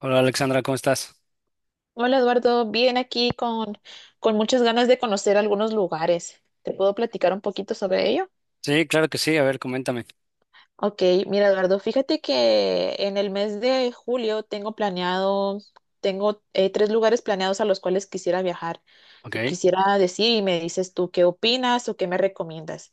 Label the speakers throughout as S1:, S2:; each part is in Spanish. S1: Hola Alexandra, ¿cómo estás?
S2: Hola Eduardo, bien aquí con muchas ganas de conocer algunos lugares. ¿Te puedo platicar un poquito sobre ello?
S1: Sí, claro que sí, a ver, coméntame.
S2: Ok, mira Eduardo, fíjate que en el mes de julio tengo planeado, tengo tres lugares planeados a los cuales quisiera viajar.
S1: Ok,
S2: Te quisiera decir y me dices tú qué opinas o qué me recomiendas.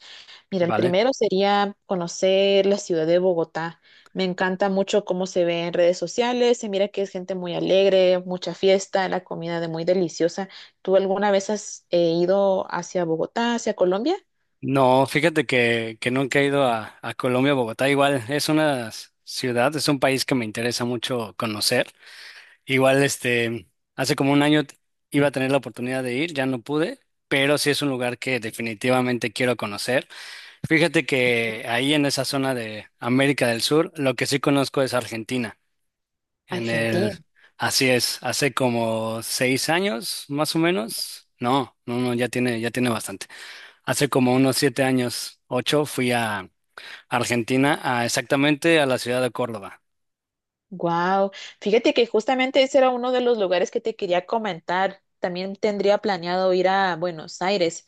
S2: Mira, el
S1: vale.
S2: primero sería conocer la ciudad de Bogotá. Me encanta mucho cómo se ve en redes sociales. Se mira que es gente muy alegre, mucha fiesta, la comida de muy deliciosa. ¿Tú alguna vez has ido hacia Bogotá, hacia Colombia?
S1: No, fíjate que nunca he ido a Colombia, Bogotá. Igual es ciudad, es un país que me interesa mucho conocer. Igual, hace como un año iba a tener la oportunidad de ir, ya no pude, pero sí es un lugar que definitivamente quiero conocer. Fíjate que ahí en esa zona de América del Sur, lo que sí conozco es Argentina. En el,
S2: Argentina.
S1: así es, hace como seis años, más o menos. No, no, no, ya tiene bastante. Hace como unos siete años, ocho, fui a Argentina, a exactamente a la ciudad de Córdoba.
S2: Wow, fíjate que justamente ese era uno de los lugares que te quería comentar. También tendría planeado ir a Buenos Aires,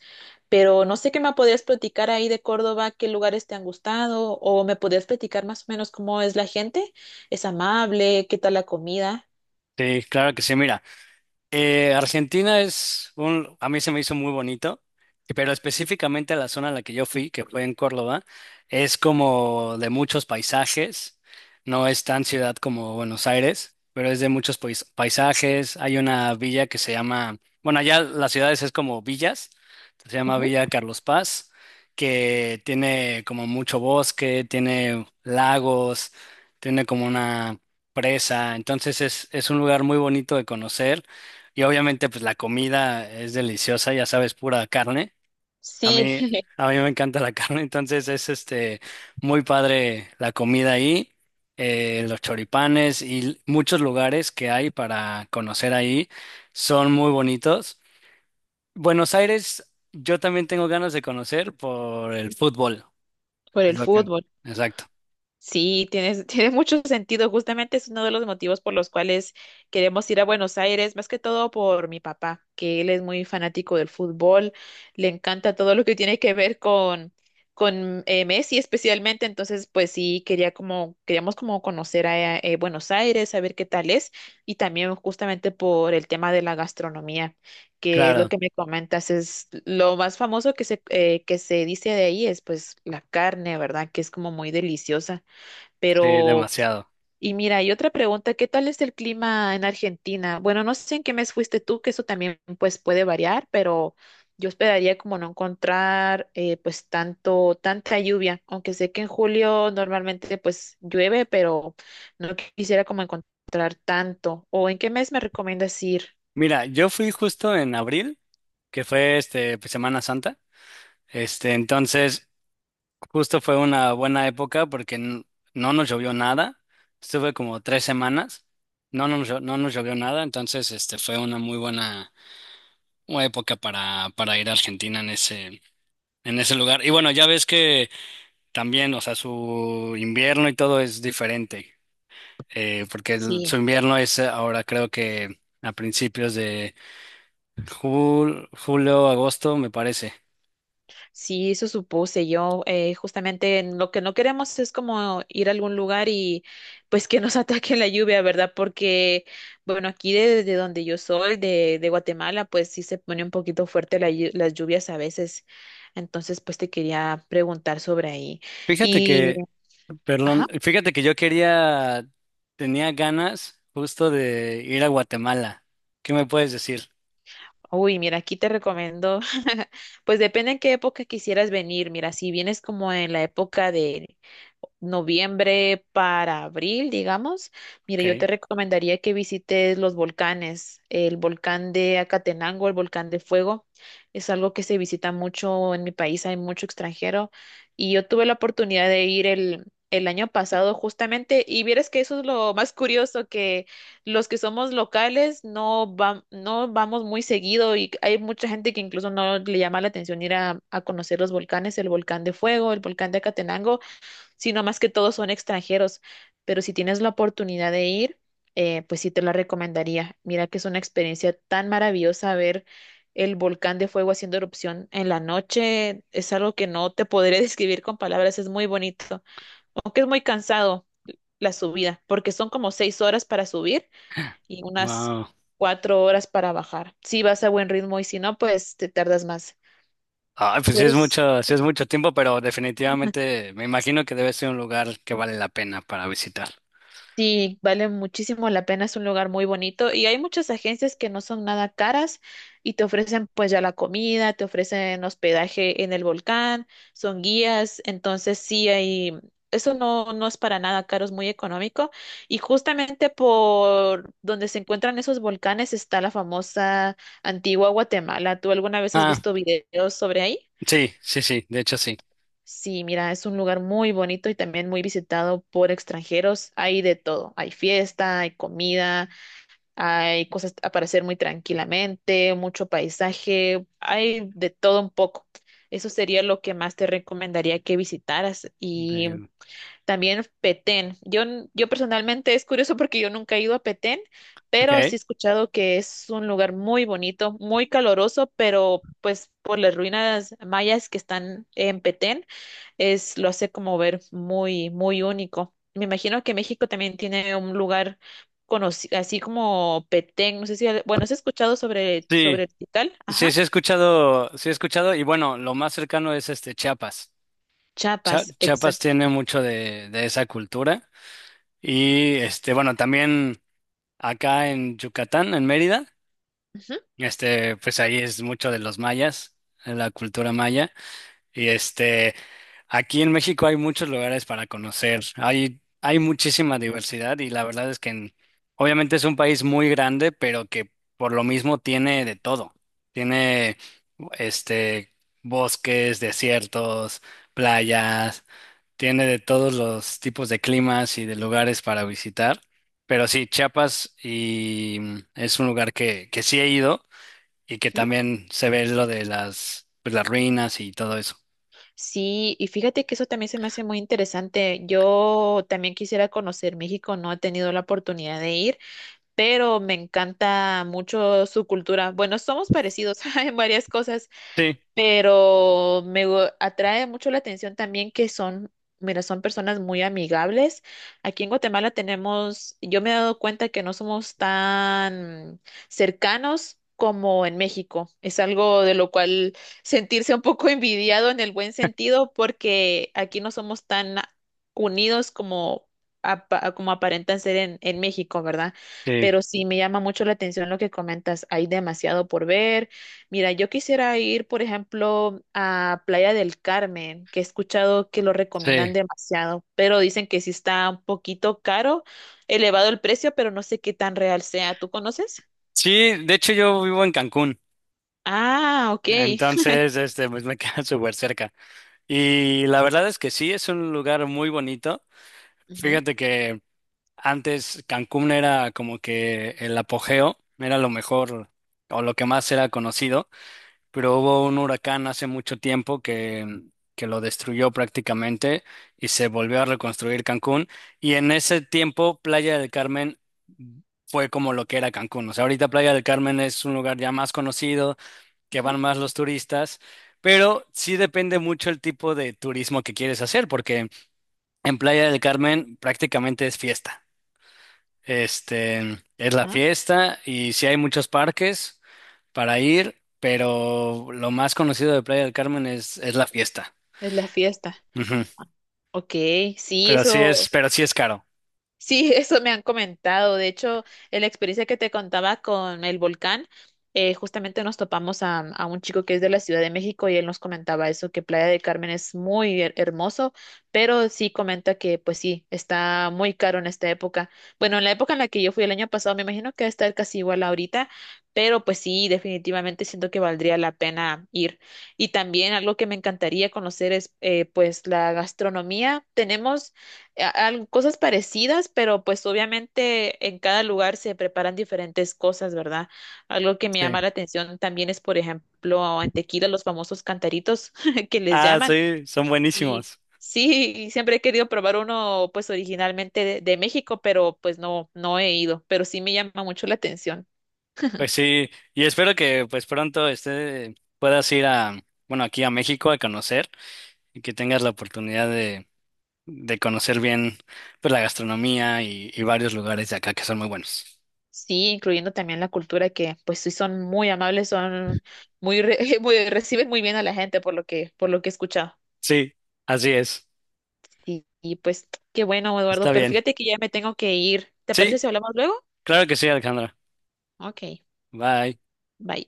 S2: pero no sé qué me podías platicar ahí de Córdoba, qué lugares te han gustado o me podías platicar más o menos cómo es la gente, es amable, qué tal la comida.
S1: Sí, claro que sí, mira. Argentina es un, a mí se me hizo muy bonito, pero específicamente la zona a la que yo fui, que fue en Córdoba, es como de muchos paisajes, no es tan ciudad como Buenos Aires, pero es de muchos paisajes. Hay una villa que se llama, bueno, allá las ciudades es como villas, se llama
S2: Ujú.
S1: Villa Carlos Paz, que tiene como mucho bosque, tiene lagos, tiene como una presa. Entonces es un lugar muy bonito de conocer y obviamente, pues la comida es deliciosa, ya sabes, pura carne. A
S2: Sí,
S1: mí, a mí me encanta la carne, entonces es muy padre la comida ahí, los choripanes y muchos lugares que hay para conocer ahí son muy bonitos. Buenos Aires, yo también tengo ganas de conocer por el fútbol.
S2: por
S1: Es
S2: el
S1: lo que,
S2: fútbol.
S1: exacto.
S2: Sí, tienes, tiene mucho sentido. Justamente es uno de los motivos por los cuales queremos ir a Buenos Aires, más que todo por mi papá, que él es muy fanático del fútbol, le encanta todo lo que tiene que ver con Messi especialmente. Entonces, pues sí, queríamos como conocer a Buenos Aires, saber qué tal es, y también justamente por el tema de la gastronomía, que es lo
S1: Claro,
S2: que me comentas, es lo más famoso que se dice de ahí es pues la carne, ¿verdad? Que es como muy deliciosa.
S1: sí,
S2: Pero,
S1: demasiado.
S2: y mira, y otra pregunta, ¿qué tal es el clima en Argentina? Bueno, no sé en qué mes fuiste tú, que eso también pues puede variar, pero yo esperaría como no encontrar pues tanta lluvia, aunque sé que en julio normalmente pues llueve, pero no quisiera como encontrar tanto. ¿O en qué mes me recomiendas ir?
S1: Mira, yo fui justo en abril, que fue pues, Semana Santa. Entonces justo fue una buena época porque no nos llovió nada. Estuve como tres semanas. No nos llovió nada. Entonces, fue una muy buena, una época para ir a Argentina en ese lugar. Y bueno, ya ves que también, o sea, su invierno y todo es diferente, porque
S2: Sí.
S1: su invierno es ahora creo que a principios de julio, agosto, me parece.
S2: Sí, eso supuse yo. Justamente en lo que no queremos es como ir a algún lugar y pues que nos ataque la lluvia, ¿verdad? Porque, bueno, aquí de donde yo soy, de Guatemala, pues sí se pone un poquito fuerte la las lluvias a veces. Entonces, pues te quería preguntar sobre ahí.
S1: Fíjate
S2: Y,
S1: que,
S2: ajá.
S1: perdón, fíjate que yo quería, tenía ganas justo de ir a Guatemala. ¿Qué me puedes decir?
S2: Uy, mira, aquí te recomiendo, pues depende en qué época quisieras venir. Mira, si vienes como en la época de noviembre para abril, digamos, mira, yo te
S1: Okay.
S2: recomendaría que visites los volcanes, el volcán de Acatenango, el volcán de Fuego. Es algo que se visita mucho en mi país, hay mucho extranjero y yo tuve la oportunidad de ir el año pasado justamente y vieras que eso es lo más curioso, los que somos locales no, no vamos muy seguido y hay mucha gente que incluso no le llama la atención ir a conocer los volcanes, el volcán de Fuego, el volcán de Acatenango, sino más que todos son extranjeros. Pero si tienes la oportunidad de ir, pues sí te la recomendaría. Mira que es una experiencia tan maravillosa ver el volcán de Fuego haciendo erupción en la noche. Es algo que no te podré describir con palabras, es muy bonito, aunque es muy cansado la subida, porque son como seis horas para subir y unas
S1: Wow.
S2: cuatro horas para bajar. Si vas a buen ritmo y si no, pues te tardas más.
S1: Ah, pues
S2: Pero es-
S1: sí es mucho tiempo, pero definitivamente me imagino que debe ser un lugar que vale la pena para visitar.
S2: sí, vale muchísimo la pena, es un lugar muy bonito y hay muchas agencias que no son nada caras y te ofrecen pues ya la comida, te ofrecen hospedaje en el volcán, son guías, entonces sí hay... Eso no es para nada caro, es muy económico. Y justamente por donde se encuentran esos volcanes está la famosa Antigua Guatemala. ¿Tú alguna vez has
S1: Ah,
S2: visto videos sobre ahí?
S1: sí, sí, sí, de hecho sí.
S2: Sí, mira, es un lugar muy bonito y también muy visitado por extranjeros. Hay de todo. Hay fiesta, hay comida, hay cosas para hacer muy tranquilamente, mucho paisaje, hay de todo un poco. Eso sería lo que más te recomendaría que visitaras. Y
S1: De-
S2: también Petén. Yo personalmente es curioso porque yo nunca he ido a Petén,
S1: ok,
S2: pero sí he escuchado que es un lugar muy bonito, muy caloroso, pero pues por las ruinas mayas que están en Petén es, lo hace como ver muy, muy único. Me imagino que México también tiene un lugar conocido, así como Petén, no sé si, bueno, ¿has escuchado sobre
S1: sí.
S2: el Tikal?
S1: Sí,
S2: Ajá,
S1: sí he escuchado, y bueno, lo más cercano es Chiapas.
S2: Chiapas,
S1: Chiapas
S2: exacto.
S1: tiene mucho de esa cultura. Y bueno, también acá en Yucatán, en Mérida,
S2: Ujú,
S1: pues ahí es mucho de los mayas, la cultura maya. Y aquí en México hay muchos lugares para conocer. Hay muchísima diversidad y la verdad es que obviamente es un país muy grande, pero que por lo mismo tiene de todo. Tiene este bosques, desiertos, playas, tiene de todos los tipos de climas y de lugares para visitar. Pero sí, Chiapas es un lugar que sí he ido y que
S2: ujú.
S1: también se ve lo de las, pues, las ruinas y todo eso.
S2: Sí, y fíjate que eso también se me hace muy interesante. Yo también quisiera conocer México, no he tenido la oportunidad de ir, pero me encanta mucho su cultura. Bueno, somos parecidos en varias cosas.
S1: Sí.
S2: Atrae mucho la atención también que son, mira, son personas muy amigables. Aquí en Guatemala tenemos, yo me he dado cuenta que no somos tan cercanos como en México. Es algo de lo cual sentirse un poco envidiado en el buen sentido, porque aquí no somos tan unidos como... Como aparentan ser en México, ¿verdad?
S1: Sí,
S2: Pero sí me llama mucho la atención lo que comentas. Hay demasiado por ver. Mira, yo quisiera ir, por ejemplo, a Playa del Carmen, que he escuchado que lo recomiendan
S1: sí.
S2: demasiado, pero dicen que sí está un poquito caro, elevado el precio, pero no sé qué tan real sea. ¿Tú conoces?
S1: Sí, de hecho yo vivo en Cancún,
S2: Ah, ok.
S1: entonces pues me queda súper cerca. Y la verdad es que sí, es un lugar muy bonito.
S2: Ujú,
S1: Fíjate que antes Cancún era como que el apogeo, era lo mejor o lo que más era conocido, pero hubo un huracán hace mucho tiempo que lo destruyó prácticamente y se volvió a reconstruir Cancún. Y en ese tiempo, Playa del Carmen fue como lo que era Cancún. O sea, ahorita Playa del Carmen es un lugar ya más conocido, que
S2: ujú,
S1: van más los turistas. Pero sí depende mucho el tipo de turismo que quieres hacer, porque en Playa del Carmen prácticamente es fiesta. Es la
S2: ajá,
S1: fiesta y sí hay muchos parques para ir, pero lo más conocido de Playa del Carmen es la fiesta.
S2: es la fiesta.
S1: Ujú.
S2: Ah, ok, sí, eso.
S1: Pero sí es caro.
S2: Sí, eso me han comentado. De hecho, en la experiencia que te contaba con el volcán, justamente nos topamos a un chico que es de la Ciudad de México y él nos comentaba eso, que Playa del Carmen es muy hermoso, pero sí comenta que, pues sí, está muy caro en esta época. Bueno, en la época en la que yo fui el año pasado, me imagino que va a estar casi igual ahorita, pero pues sí, definitivamente siento que valdría la pena ir. Y también algo que me encantaría conocer es, pues, la gastronomía. Tenemos cosas parecidas, pero pues obviamente en cada lugar se preparan diferentes cosas, ¿verdad? Algo que me
S1: Sí.
S2: llama la atención también es, por ejemplo, en tequila los famosos cantaritos que les
S1: Ah,
S2: llaman.
S1: sí, son
S2: Y
S1: buenísimos.
S2: sí, y siempre he querido probar uno pues originalmente de México, pero pues no he ido, pero sí me llama mucho la atención.
S1: Pues sí, y espero que pues pronto puedas ir a, bueno, aquí a México a conocer y que tengas la oportunidad de conocer bien pues la gastronomía y varios lugares de acá que son muy buenos.
S2: Sí, incluyendo también la cultura que pues sí son muy amables, son muy, re- muy reciben muy bien a la gente por lo que he escuchado.
S1: Sí, así es.
S2: Y pues qué bueno,
S1: Está
S2: Eduardo, pero
S1: bien.
S2: fíjate que ya me tengo que ir. ¿Te
S1: Sí,
S2: parece si hablamos luego?
S1: claro que sí, Alejandra.
S2: Ok,
S1: Bye.
S2: bye.